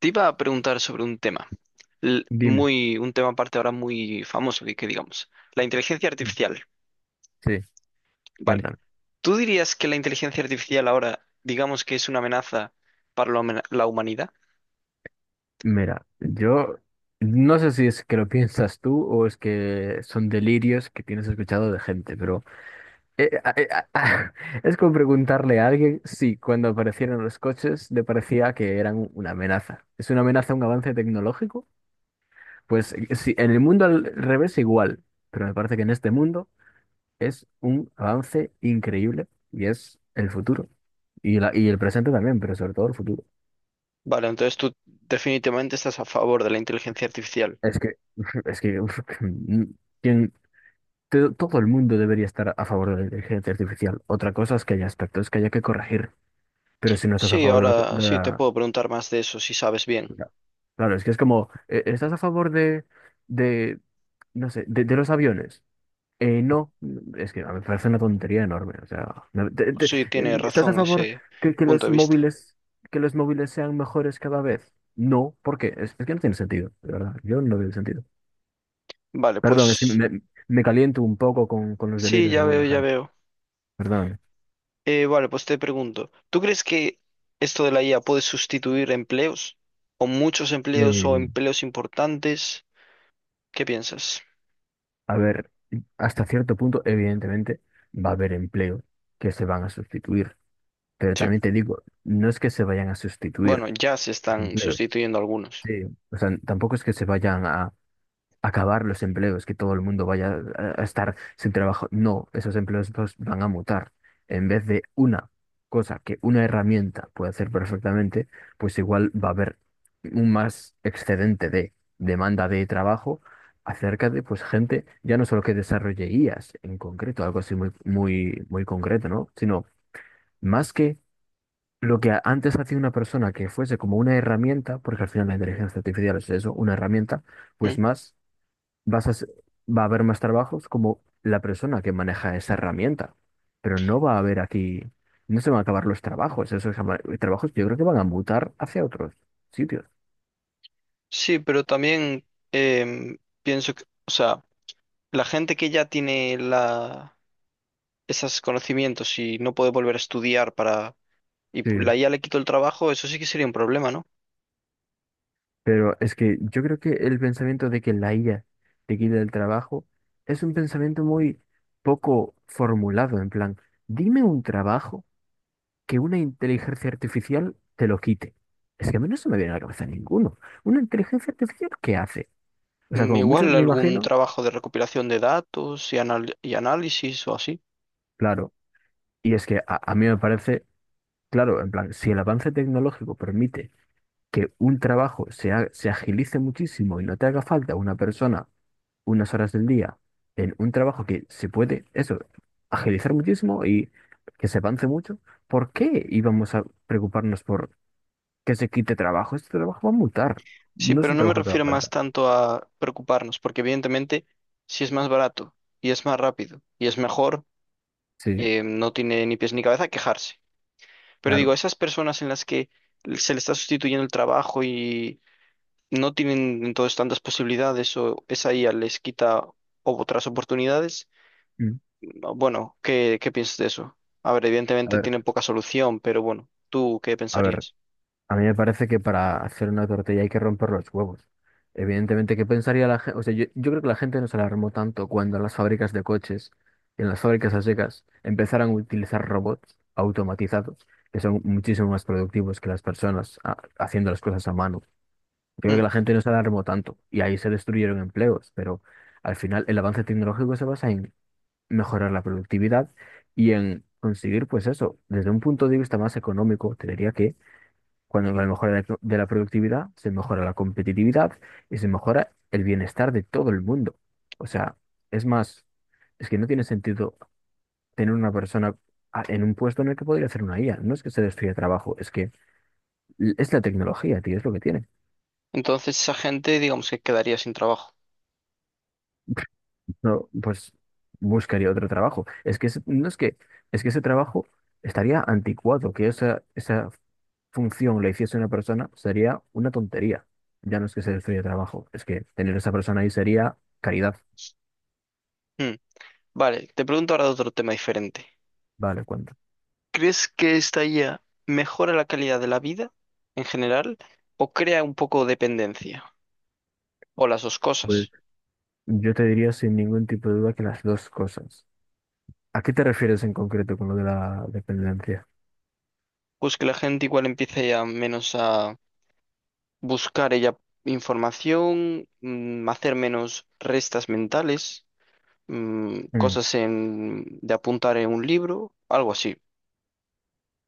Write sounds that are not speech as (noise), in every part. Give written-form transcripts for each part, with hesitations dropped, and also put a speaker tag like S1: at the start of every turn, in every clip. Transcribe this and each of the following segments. S1: Te iba a preguntar sobre un tema,
S2: Dime.
S1: un tema aparte ahora muy famoso, que digamos, la inteligencia artificial.
S2: Sí,
S1: Vale.
S2: cuéntame.
S1: ¿Tú dirías que la inteligencia artificial ahora, digamos que es una amenaza para la la humanidad?
S2: Mira, yo no sé si es que lo (laughs) piensas tú o es que son delirios que tienes escuchado de gente, pero eh, a- eh, a- (laughs) es como preguntarle a alguien si cuando aparecieron los coches le parecía que eran una amenaza. ¿Es una amenaza un avance tecnológico? Pues sí, en el mundo al revés igual, pero me parece que en este mundo es un avance increíble y es el futuro. Y, y el presente también, pero sobre todo el futuro.
S1: Vale, entonces tú definitivamente estás a favor de la inteligencia artificial.
S2: Es que, (laughs) es que, uf, (laughs) quien- todo el mundo debería estar a favor de la inteligencia artificial. Otra cosa es que haya aspectos que haya que corregir, pero si no estás a
S1: Sí,
S2: favor de
S1: ahora sí te puedo preguntar más de eso si sabes bien.
S2: la- claro, es que es como, ¿estás a favor de, no sé, de los aviones? No, es que a mí me parece una tontería enorme. O sea,
S1: Sí, tiene
S2: ¿estás a
S1: razón
S2: favor
S1: ese
S2: que, que
S1: punto
S2: los
S1: de vista.
S2: móviles, que los móviles sean mejores cada vez? No, ¿por qué? Es que no tiene sentido, de verdad. Yo no veo el sentido.
S1: Vale,
S2: Perdón,
S1: pues
S2: me caliento un poco con los
S1: sí,
S2: delitos de
S1: ya veo,
S2: alguna
S1: ya
S2: gente.
S1: veo.
S2: Perdón.
S1: Vale, pues te pregunto, ¿tú crees que esto de la IA puede sustituir empleos? ¿O muchos empleos o
S2: Eh,
S1: empleos importantes? ¿Qué piensas?
S2: a ver, hasta cierto punto, evidentemente, va a haber empleos que se van a sustituir. Pero
S1: Sí.
S2: también te digo, no es que se vayan a
S1: Bueno,
S2: sustituir
S1: ya se
S2: los
S1: están
S2: empleos.
S1: sustituyendo algunos.
S2: Sí. O sea, tampoco es que se vayan a acabar los empleos, que todo el mundo vaya a estar sin trabajo. No, esos empleos pues van a mutar. En vez de una cosa que una herramienta puede hacer perfectamente, pues igual va a haber un más excedente de demanda de trabajo acerca de pues gente, ya no solo que desarrolle IAs en concreto, algo así muy concreto, ¿no? Sino más que lo que antes hacía una persona que fuese como una herramienta, porque al final la inteligencia artificial es eso, una herramienta, pues
S1: ¿Mm?
S2: más vas a, se- va a haber más trabajos como la persona que maneja esa herramienta, pero no va a haber aquí, no se van a acabar los trabajos, esos trabajos yo creo que van a mutar hacia otros sitios.
S1: Sí, pero también pienso que, o sea, la gente que ya tiene la, esos conocimientos y no puede volver a estudiar para,
S2: Sí.
S1: la IA le quitó el trabajo, eso sí que sería un problema, ¿no?
S2: Pero es que yo creo que el pensamiento de que la IA te quita el trabajo es un pensamiento muy poco formulado, en plan, dime un trabajo que una inteligencia artificial te lo quite. Es que a mí no se me viene a la cabeza ninguno. ¿Una inteligencia artificial qué hace? O sea,
S1: Mm,
S2: como muchos
S1: igual
S2: me
S1: algún
S2: imagino,
S1: trabajo de recopilación de datos y, análisis o así.
S2: claro. Y es que a mí me parece, claro, en plan, si el avance tecnológico permite que un trabajo se agilice muchísimo y no te haga falta una persona unas horas del día en un trabajo que se puede, eso, agilizar muchísimo y que se avance mucho, ¿por qué íbamos a preocuparnos por que se quite trabajo? Este trabajo va a mutar,
S1: Sí,
S2: no es
S1: pero
S2: un
S1: no me
S2: trabajo que haga
S1: refiero más
S2: falta.
S1: tanto a preocuparnos, porque evidentemente si es más barato y es más rápido y es mejor,
S2: Sí,
S1: no tiene ni pies ni cabeza quejarse. Pero digo,
S2: claro.
S1: esas personas en las que se le está sustituyendo el trabajo y no tienen entonces tantas posibilidades o esa IA les quita otras oportunidades,
S2: Mm.
S1: no, bueno, ¿qué piensas de eso? A ver,
S2: A
S1: evidentemente
S2: ver,
S1: tienen poca solución, pero bueno, ¿tú qué
S2: a ver.
S1: pensarías?
S2: A mí me parece que para hacer una tortilla hay que romper los huevos. Evidentemente, ¿qué pensaría la gente? O sea, yo creo que la gente no se alarmó tanto cuando en las fábricas de coches y en las fábricas a secas empezaron a utilizar robots automatizados, que son muchísimo más productivos que las personas haciendo las cosas a mano. Yo creo
S1: Mm.
S2: que la gente no se alarmó tanto y ahí se destruyeron empleos, pero al final el avance tecnológico se basa en mejorar la productividad y en conseguir, pues eso, desde un punto de vista más económico, te diría que cuando la mejora de la productividad, se mejora la competitividad y se mejora el bienestar de todo el mundo. O sea, es más, es que no tiene sentido tener una persona en un puesto en el que podría hacer una IA. No es que se destruya trabajo, es que es la tecnología, tío, es lo que tiene.
S1: Entonces esa gente, digamos que quedaría sin trabajo.
S2: No, pues buscaría otro trabajo. Es que ese- no es que, es que ese trabajo estaría anticuado. Que esa función la hiciese una persona sería una tontería. Ya no es que se destruya trabajo, es que tener esa persona ahí sería caridad.
S1: Mm. Vale, te pregunto ahora de otro tema diferente.
S2: Vale, cuenta.
S1: ¿Crees que esta IA mejora la calidad de la vida en general o crea un poco de dependencia? O las dos cosas.
S2: Pues yo te diría sin ningún tipo de duda que las dos cosas. ¿A qué te refieres en concreto con lo de la dependencia?
S1: Pues que la gente igual empiece ya menos a buscar ella información, hacer menos restas mentales,
S2: Mm,
S1: cosas de apuntar en un libro, algo así.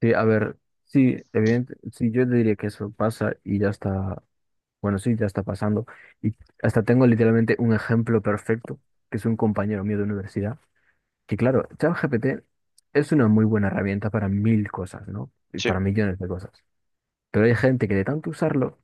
S2: sí, a ver, sí, evidente, sí, yo te diría que eso pasa y ya está. Bueno, sí, ya está pasando. Y hasta tengo literalmente un ejemplo perfecto, que es un compañero mío de universidad, que claro, ChatGPT es una muy buena herramienta para mil cosas, ¿no? Y
S1: Sí,
S2: para millones de cosas. Pero hay gente que de tanto usarlo,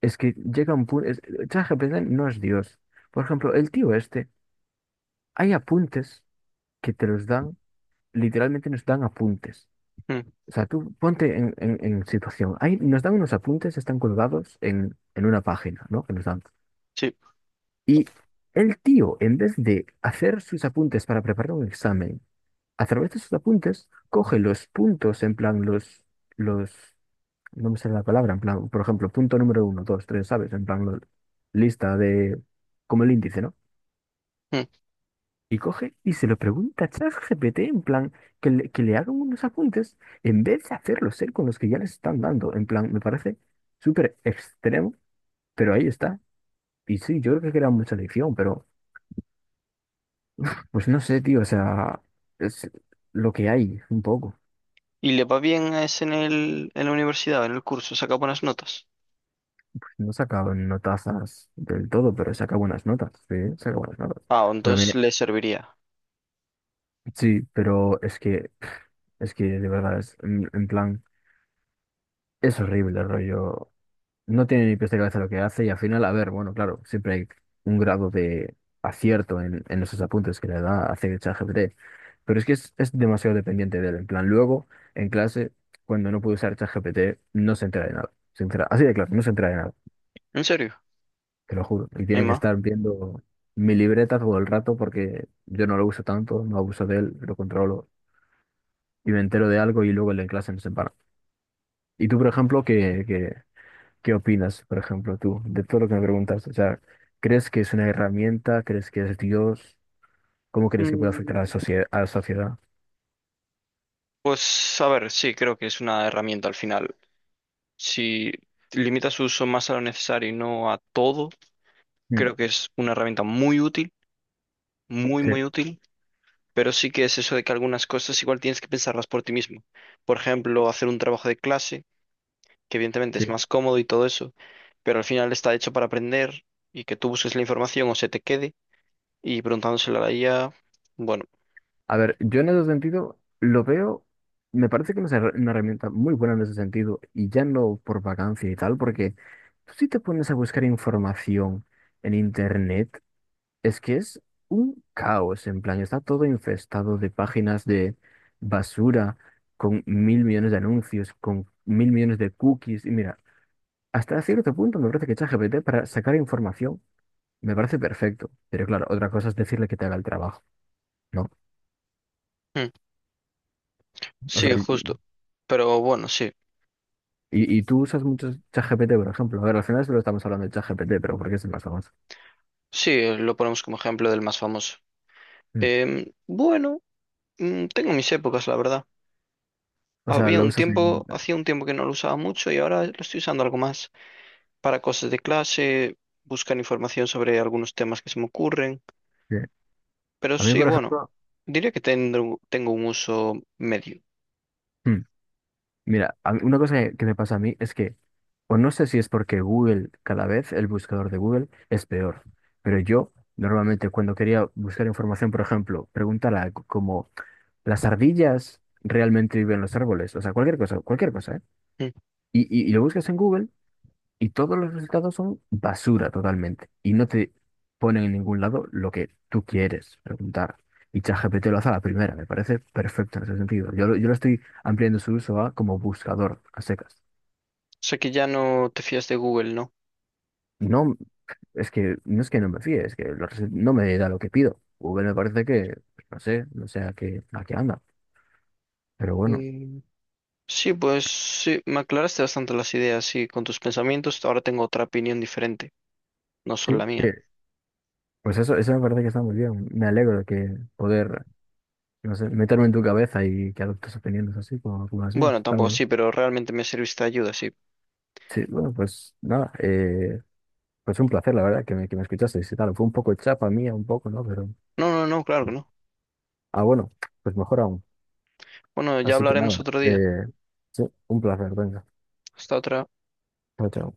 S2: es que llega un punto... ChatGPT no es Dios. Por ejemplo, el tío este, hay apuntes que te los dan, literalmente nos dan apuntes.
S1: mm,
S2: O sea, tú ponte en situación. Hay nos dan unos apuntes, están colgados en una página, ¿no? Que nos dan.
S1: sí.
S2: Y el tío, en vez de hacer sus apuntes para preparar un examen, a través de sus apuntes, coge los puntos, en plan, los, no me sale la palabra, en plan, por ejemplo, punto número uno, dos, tres, ¿sabes? En plan, lista de, como el índice, ¿no?
S1: Mm.
S2: Y coge y se lo pregunta a ChatGPT, en plan, que le hagan unos apuntes, en vez de hacerlos él con los que ya les están dando, en plan, me parece súper extremo, pero ahí está. Y sí, yo creo que era mucha lección, pero... Pues no sé, tío, o sea, es lo que hay, un poco.
S1: ¿Y le va bien a ese en la universidad, en el curso? ¿Saca buenas notas?
S2: No sacaban notazas del todo, pero saca buenas notas, sí, saca buenas notas.
S1: Ah,
S2: Pero
S1: entonces
S2: mira,
S1: le serviría.
S2: sí, pero es que de verdad, es, en plan, es horrible el rollo. No tiene ni pies de cabeza lo que hace y al final, a ver, bueno, claro, siempre hay un grado de acierto en esos apuntes que le da a ChatGPT, pero es que es demasiado dependiente de él. En plan, luego, en clase, cuando no puede usar ChatGPT, no se entera de nada. Así de claro, no se entera de nada,
S1: ¿En serio?
S2: te lo juro. Y tiene que
S1: ¿Emma?
S2: estar viendo mi libreta todo el rato porque yo no lo uso tanto, no abuso de él, lo controlo y me entero de algo y luego en la clase no se para. ¿Y tú, por ejemplo, que qué opinas, por ejemplo, tú, de todo lo que me preguntas? O sea, ¿crees que es una herramienta? ¿Crees que es Dios? ¿Cómo crees que puede afectar
S1: Mm,
S2: a la sociedad?
S1: pues a ver, sí, creo que es una herramienta al final. Si limita su uso más a lo necesario y no a todo,
S2: Mm,
S1: Creo que es una herramienta muy útil, muy,
S2: sí,
S1: muy útil, pero sí que es eso de que algunas cosas igual tienes que pensarlas por ti mismo. Por ejemplo, hacer un trabajo de clase, que evidentemente
S2: sí.
S1: es más cómodo y todo eso, pero al final está hecho para aprender y que tú busques la información o se te quede, y preguntándosela a la IA, bueno,
S2: A ver, yo en ese sentido lo veo, me parece que no es una una herramienta muy buena en ese sentido, y ya no por vacancia y tal, porque tú sí te pones a buscar información en internet. Es que es un caos, en plan, está todo infestado de páginas de basura con mil millones de anuncios, con mil millones de cookies. Y mira, hasta cierto punto me parece que ChatGPT para sacar información me parece perfecto. Pero claro, otra cosa es decirle que te haga el trabajo, ¿no?
S1: mm,
S2: O
S1: sí,
S2: sea,
S1: justo. Pero bueno, sí,
S2: y tú usas mucho ChatGPT, por ejemplo. A ver, al final solo estamos hablando de ChatGPT, pero porque es el más famoso.
S1: sí, lo ponemos como ejemplo del más famoso.
S2: Mm.
S1: Bueno, mm, tengo mis épocas, la verdad.
S2: O sea, lo usas. En-
S1: Hacía un tiempo que no lo usaba mucho y ahora lo estoy usando algo más. Para cosas de clase, buscar información sobre algunos temas que se me ocurren.
S2: sí.
S1: Pero
S2: A mí,
S1: sí,
S2: por
S1: bueno,
S2: ejemplo.
S1: diría que tengo un uso medio.
S2: Mm. Mira, a mí- una cosa que me pasa a mí es que, o no sé si es porque Google, cada vez el buscador de Google es peor, pero yo normalmente cuando quería buscar información, por ejemplo, preguntar algo como, ¿las ardillas realmente viven en los árboles? O sea, cualquier cosa, ¿eh?
S1: Mm.
S2: Y lo buscas en Google y todos los resultados son basura totalmente y no te ponen en ningún lado lo que tú quieres preguntar. Y ChatGPT lo hace a la primera, me parece perfecto en ese sentido. Yo lo estoy ampliando su uso a como buscador a secas.
S1: O sea que ya no te fías de Google, ¿no?
S2: No, es que no es que no me fíe, es que no me da lo que pido. Google me parece que, pues, no sé, no sé a qué anda. Pero bueno,
S1: Mm, sí, pues sí, me aclaraste bastante las ideas, sí, con tus pensamientos. Ahora tengo otra opinión diferente, no son la
S2: sí,
S1: mía.
S2: pues eso me parece que está muy bien. Me alegro de que poder, no sé, meterme en tu cabeza y que adoptes opiniones así como, como las mías.
S1: Bueno,
S2: Está
S1: tampoco
S2: bien.
S1: sí, pero realmente me serviste de ayuda, sí.
S2: Sí, bueno, pues nada, pues un placer, la verdad, que que me escuchasteis y tal. Fue un poco chapa mía, un poco, ¿no? Pero,
S1: No, no, no, claro que no.
S2: ah, bueno, pues mejor aún.
S1: Bueno, ya
S2: Así que nada,
S1: hablaremos otro día.
S2: eh, sí, un placer, venga.
S1: Hasta otra.
S2: Chao, chao.